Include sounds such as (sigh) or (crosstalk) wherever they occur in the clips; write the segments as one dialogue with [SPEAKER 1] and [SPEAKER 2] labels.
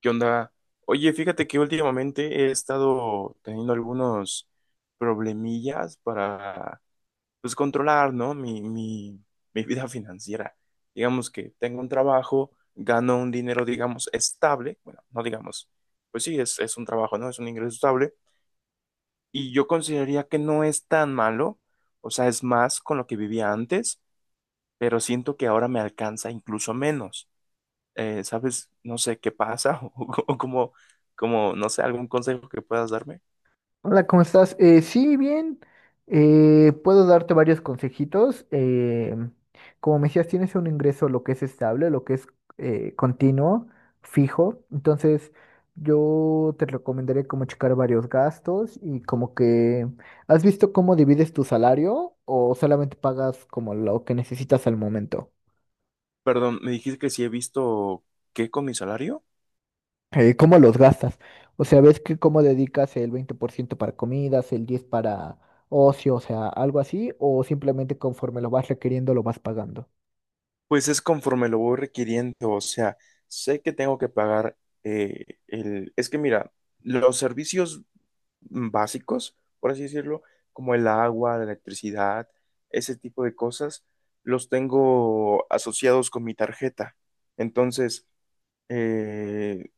[SPEAKER 1] ¿Qué onda? Oye, fíjate que últimamente he estado teniendo algunos problemillas para, pues, controlar, ¿no? Mi vida (laughs) financiera. Digamos que tengo un trabajo, gano un dinero, digamos, estable. Bueno, no digamos, pues sí, es un trabajo, ¿no? Es un ingreso estable. Y yo consideraría que no es tan malo, o sea, es más con lo que vivía antes, pero siento que ahora me alcanza incluso menos, ¿sabes? No sé qué pasa (laughs) o como, no sé, algún consejo que puedas darme.
[SPEAKER 2] Hola, ¿cómo estás? Sí, bien. Puedo darte varios consejitos. Como me decías, tienes un ingreso lo que es estable, lo que es continuo, fijo. Entonces, yo te recomendaría como checar varios gastos y como que, ¿has visto cómo divides tu salario o solamente pagas como lo que necesitas al momento?
[SPEAKER 1] Perdón, me dijiste que si he visto qué con mi salario.
[SPEAKER 2] Cómo los gastas. O sea, ves que cómo dedicas el 20% para comidas, el 10 para ocio, o sea, algo así, o simplemente conforme lo vas requiriendo lo vas pagando.
[SPEAKER 1] Pues es conforme lo voy requiriendo, o sea, sé que tengo que pagar, el... Es que mira, los servicios básicos, por así decirlo, como el agua, la electricidad, ese tipo de cosas, los tengo asociados con mi tarjeta. Entonces, eh,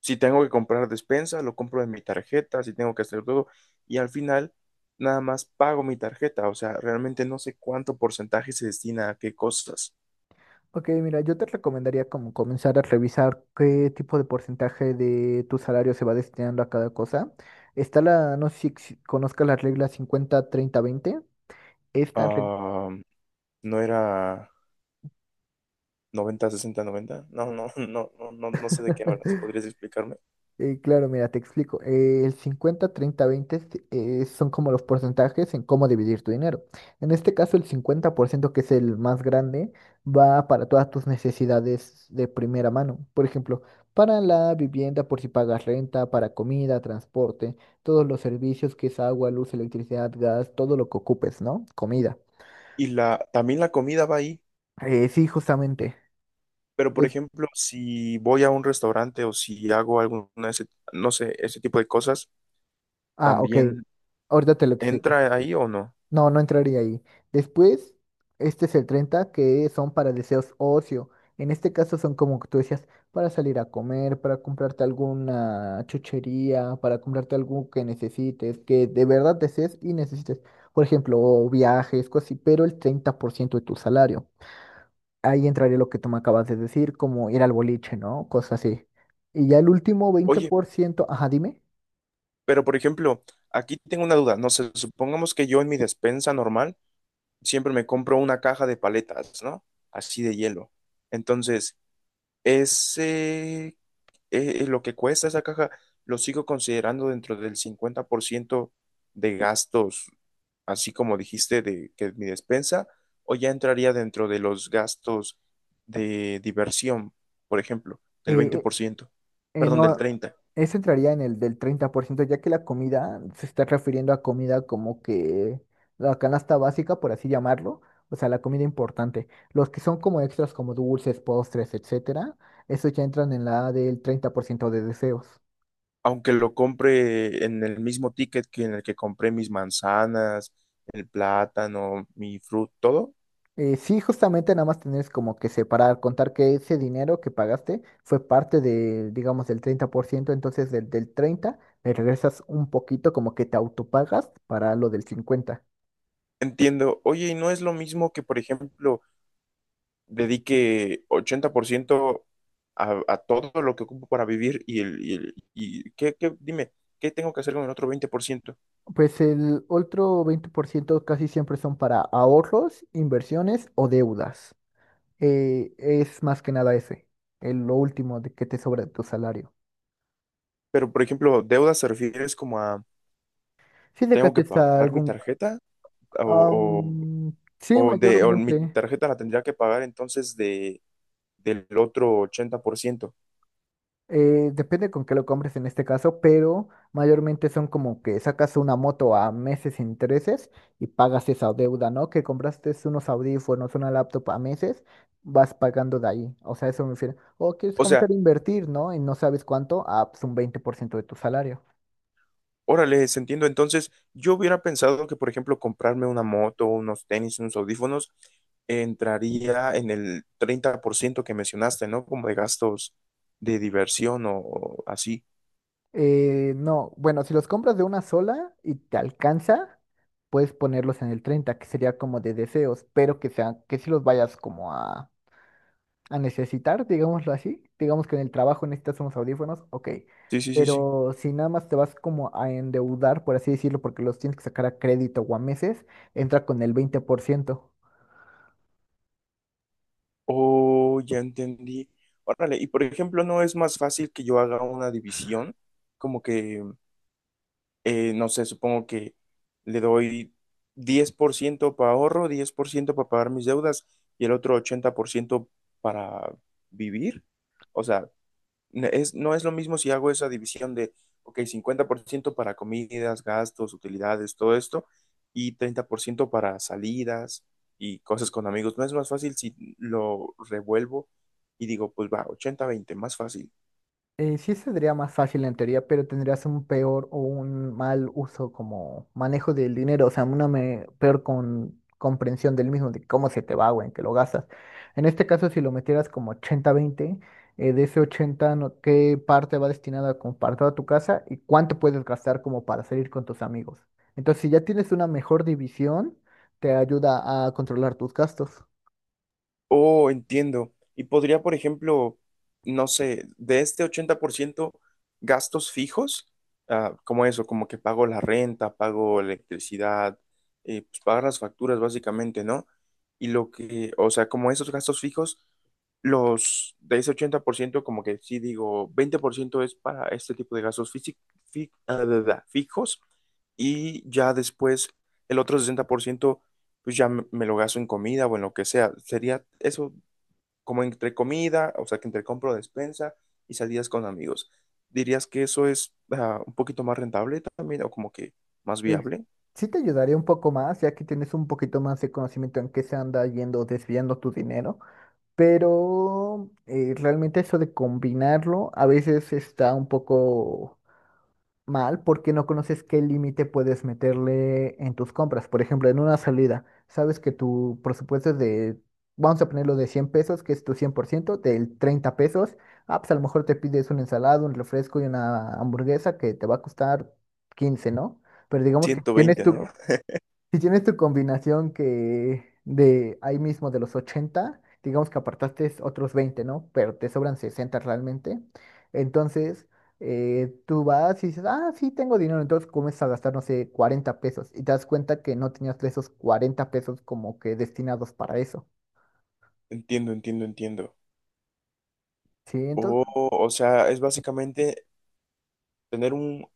[SPEAKER 1] si tengo que comprar despensa, lo compro de mi tarjeta, si tengo que hacer todo, y al final nada más pago mi tarjeta, o sea, realmente no sé cuánto porcentaje se destina a qué cosas.
[SPEAKER 2] Ok, mira, yo te recomendaría como comenzar a revisar qué tipo de porcentaje de tu salario se va destinando a cada cosa. Está la, no sé si conozcas la regla 50-30-20. Esta, re-
[SPEAKER 1] Ah, no era 90-60-90. No, no, (laughs) no, no, no, no sé de qué hablas.
[SPEAKER 2] (laughs)
[SPEAKER 1] ¿Podrías explicarme?
[SPEAKER 2] Claro, mira, te explico. El 50, 30, 20, son como los porcentajes en cómo dividir tu dinero. En este caso, el 50% que es el más grande, va para todas tus necesidades de primera mano. Por ejemplo, para la vivienda, por si pagas renta, para comida, transporte, todos los servicios que es agua, luz, electricidad, gas, todo lo que ocupes, ¿no? Comida.
[SPEAKER 1] Y la, también la comida va ahí,
[SPEAKER 2] Sí, justamente.
[SPEAKER 1] pero por
[SPEAKER 2] Es-
[SPEAKER 1] ejemplo, si voy a un restaurante o si hago alguna, no sé, ese tipo de cosas,
[SPEAKER 2] Ah, ok.
[SPEAKER 1] ¿también
[SPEAKER 2] Ahorita te lo explico.
[SPEAKER 1] entra ahí o no?
[SPEAKER 2] No, no entraría ahí. Después, este es el 30 que son para deseos ocio. En este caso son como tú decías, para salir a comer, para comprarte alguna chuchería, para comprarte algo que necesites, que de verdad desees y necesites. Por ejemplo, viajes, cosas así, pero el 30% de tu salario. Ahí entraría lo que tú me acabas de decir, como ir al boliche, ¿no? Cosas así. Y ya el último veinte
[SPEAKER 1] Oye,
[SPEAKER 2] por ciento, ajá, dime.
[SPEAKER 1] pero, por ejemplo, aquí tengo una duda. No sé, supongamos que yo en mi despensa normal siempre me compro una caja de paletas, ¿no? Así de hielo. Entonces, ese, lo que cuesta esa caja, lo sigo considerando dentro del 50% de gastos, así como dijiste, de que es mi despensa, o ya entraría dentro de los gastos de diversión, por ejemplo, del veinte
[SPEAKER 2] Eh,
[SPEAKER 1] por ciento. Perdón,
[SPEAKER 2] No,
[SPEAKER 1] del treinta.
[SPEAKER 2] eso entraría en el del 30% ya que la comida se está refiriendo a comida como que la canasta básica, por así llamarlo, o sea, la comida importante. Los que son como extras, como dulces, postres, etcétera, esos ya entran en la del 30% de deseos.
[SPEAKER 1] Aunque lo compre en el mismo ticket que en el que compré mis manzanas, el plátano, mi fruta, todo,
[SPEAKER 2] Sí, justamente nada más tienes como que separar, contar que ese dinero que pagaste fue parte de, digamos, del 30% entonces del 30 le regresas un poquito, como que te autopagas para lo del 50.
[SPEAKER 1] entiendo. Oye, y no es lo mismo que, por ejemplo, dedique 80% a todo lo que ocupo para vivir y el y ¿qué, dime, ¿qué tengo que hacer con el otro 20%?
[SPEAKER 2] Pues el otro 20% casi siempre son para ahorros, inversiones o deudas. Es más que nada ese, el, lo último de que te sobra de tu salario.
[SPEAKER 1] Pero, por ejemplo, deudas se refieres como a,
[SPEAKER 2] Si le
[SPEAKER 1] ¿tengo que
[SPEAKER 2] gastes a
[SPEAKER 1] pagar mi
[SPEAKER 2] algún.
[SPEAKER 1] tarjeta? O,
[SPEAKER 2] am, sí,
[SPEAKER 1] o, o mi
[SPEAKER 2] mayormente.
[SPEAKER 1] tarjeta la tendría que pagar entonces de del otro 80%.
[SPEAKER 2] Depende con qué lo compres en este caso, pero mayormente son como que sacas una moto a meses sin intereses y pagas esa deuda, ¿no? Que compraste unos audífonos, una laptop a meses, vas pagando de ahí. O sea, eso me refiero. O quieres
[SPEAKER 1] O sea,
[SPEAKER 2] comenzar a invertir, ¿no? Y no sabes cuánto, ah, pues un 20% de tu salario.
[SPEAKER 1] órale, les entiendo. Entonces, yo hubiera pensado que, por ejemplo, comprarme una moto, unos tenis, unos audífonos, entraría en el 30% que mencionaste, ¿no? Como de gastos de diversión o así.
[SPEAKER 2] No, bueno, si los compras de una sola y te alcanza, puedes ponerlos en el 30 que sería como de deseos, pero que sean, que si los vayas como a necesitar, digámoslo así. Digamos que en el trabajo necesitas unos audífonos, ok.
[SPEAKER 1] Sí, sí, sí, sí.
[SPEAKER 2] Pero si nada más te vas como a endeudar, por así decirlo, porque los tienes que sacar a crédito o a meses, entra con el 20%.
[SPEAKER 1] Oh, ya entendí. Órale, y por ejemplo, ¿no es más fácil que yo haga una división? Como que, no sé, supongo que le doy 10% para ahorro, 10% para pagar mis deudas y el otro 80% para vivir. O sea, no es lo mismo si hago esa división de, ok, 50% para comidas, gastos, utilidades, todo esto, y 30% para salidas y cosas con amigos. ¿No es más fácil si lo revuelvo y digo, pues va, 80-20, más fácil?
[SPEAKER 2] Sí sería más fácil en teoría, pero tendrías un peor o un mal uso como manejo del dinero, o sea, una peor con comprensión del mismo, de cómo se te va o en qué lo gastas. En este caso, si lo metieras como 80-20, de ese 80, ¿qué parte va destinada a compartir a tu casa y cuánto puedes gastar como para salir con tus amigos? Entonces, si ya tienes una mejor división, te ayuda a controlar tus gastos.
[SPEAKER 1] Oh, entiendo. Y podría, por ejemplo, no sé, de este 80% gastos fijos, ah, como eso, como que pago la renta, pago electricidad, pues pagar las facturas básicamente, ¿no? Y lo que, o sea, como esos gastos fijos, los de ese 80%, como que sí digo, 20% es para este tipo de gastos ah, da, da, da, fijos, y ya después el otro 60% pues ya me lo gasto en comida o en lo que sea. Sería eso como entre comida, o sea, que entre compro despensa y salidas con amigos. ¿Dirías que eso es, ah, un poquito más rentable también o como que más
[SPEAKER 2] Pues
[SPEAKER 1] viable?
[SPEAKER 2] sí te ayudaría un poco más, ya que tienes un poquito más de conocimiento en qué se anda yendo, desviando tu dinero, pero realmente eso de combinarlo a veces está un poco mal porque no conoces qué límite puedes meterle en tus compras. Por ejemplo, en una salida, sabes que tu presupuesto es de, vamos a ponerlo de 100 pesos, que es tu 100% del 30 pesos, ah, pues a lo mejor te pides una ensalada, un refresco y una hamburguesa que te va a costar 15, ¿no? Pero digamos que tienes
[SPEAKER 1] 120, ¿no?
[SPEAKER 2] si tienes tu combinación que de ahí mismo de los 80 digamos que apartaste otros 20, ¿no? Pero te sobran 60 realmente. Entonces, tú vas y dices, ah, sí, tengo dinero. Entonces comienzas a gastar, no sé, 40 pesos. Y te das cuenta que no tenías esos 40 pesos como que destinados para eso.
[SPEAKER 1] Entiendo, entiendo, entiendo.
[SPEAKER 2] Sí,
[SPEAKER 1] O,
[SPEAKER 2] entonces
[SPEAKER 1] o sea, es básicamente tener un,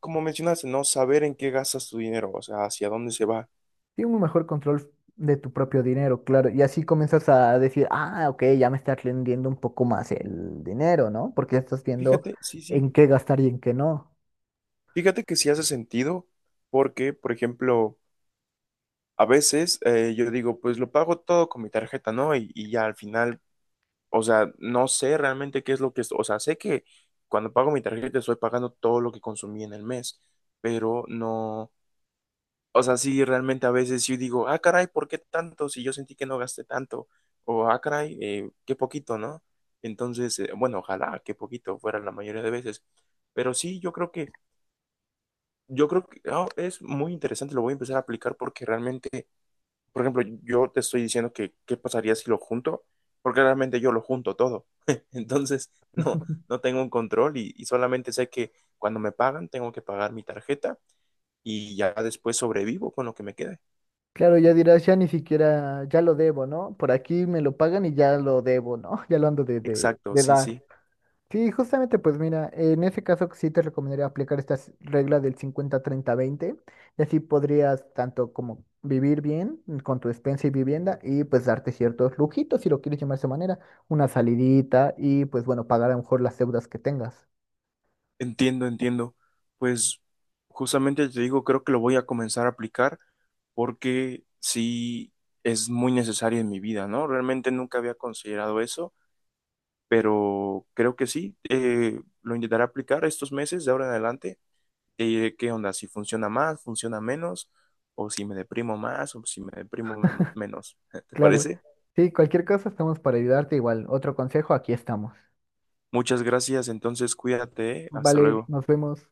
[SPEAKER 1] como mencionaste, no saber en qué gastas tu dinero, o sea, hacia dónde se va.
[SPEAKER 2] tiene un mejor control de tu propio dinero, claro. Y así comienzas a decir, ah, ok, ya me está rindiendo un poco más el dinero, ¿no? Porque ya estás viendo
[SPEAKER 1] Fíjate, sí, sí.
[SPEAKER 2] en qué gastar y en qué no.
[SPEAKER 1] Fíjate que sí hace sentido porque, por ejemplo, a veces, yo digo, pues lo pago todo con mi tarjeta, ¿no? Y ya al final, o sea, no sé realmente qué es lo que es, o sea, sé que cuando pago mi tarjeta estoy pagando todo lo que consumí en el mes, pero no, o sea, sí, realmente a veces yo digo, ah, caray, ¿por qué tanto? Si yo sentí que no gasté tanto, o ah, caray, qué poquito, ¿no? Entonces, bueno, ojalá que poquito fuera la mayoría de veces, pero sí, yo creo que, ah, es muy interesante, lo voy a empezar a aplicar porque realmente... Por ejemplo, yo te estoy diciendo que qué pasaría si lo junto, porque realmente yo lo junto todo. (laughs) Entonces, no, no tengo un control y solamente sé que cuando me pagan tengo que pagar mi tarjeta y ya después sobrevivo con lo que me quede.
[SPEAKER 2] Claro, ya dirás, ya ni siquiera, ya lo debo, ¿no? Por aquí me lo pagan y ya lo debo, ¿no? (laughs) Ya lo ando de,
[SPEAKER 1] Exacto, sí, sí.
[SPEAKER 2] dar. Sí, justamente, pues mira, en ese caso sí te recomendaría aplicar esta regla del 50-30-20 y así podrías tanto como vivir bien con tu despensa y vivienda y pues darte ciertos lujitos, si lo quieres llamar de esa manera, una salidita y pues bueno, pagar a lo mejor las deudas que tengas.
[SPEAKER 1] Entiendo, entiendo. Pues justamente te digo, creo que lo voy a comenzar a aplicar porque sí es muy necesario en mi vida, ¿no? Realmente nunca había considerado eso, pero creo que sí, lo intentaré aplicar estos meses de ahora en adelante y diré qué onda, si funciona más, funciona menos, o si me deprimo más, o si me deprimo menos. (laughs) ¿Te
[SPEAKER 2] Claro,
[SPEAKER 1] parece?
[SPEAKER 2] sí, cualquier cosa estamos para ayudarte igual. Otro consejo, aquí estamos.
[SPEAKER 1] Muchas gracias, entonces cuídate, ¿eh? Hasta
[SPEAKER 2] Vale,
[SPEAKER 1] luego.
[SPEAKER 2] nos vemos.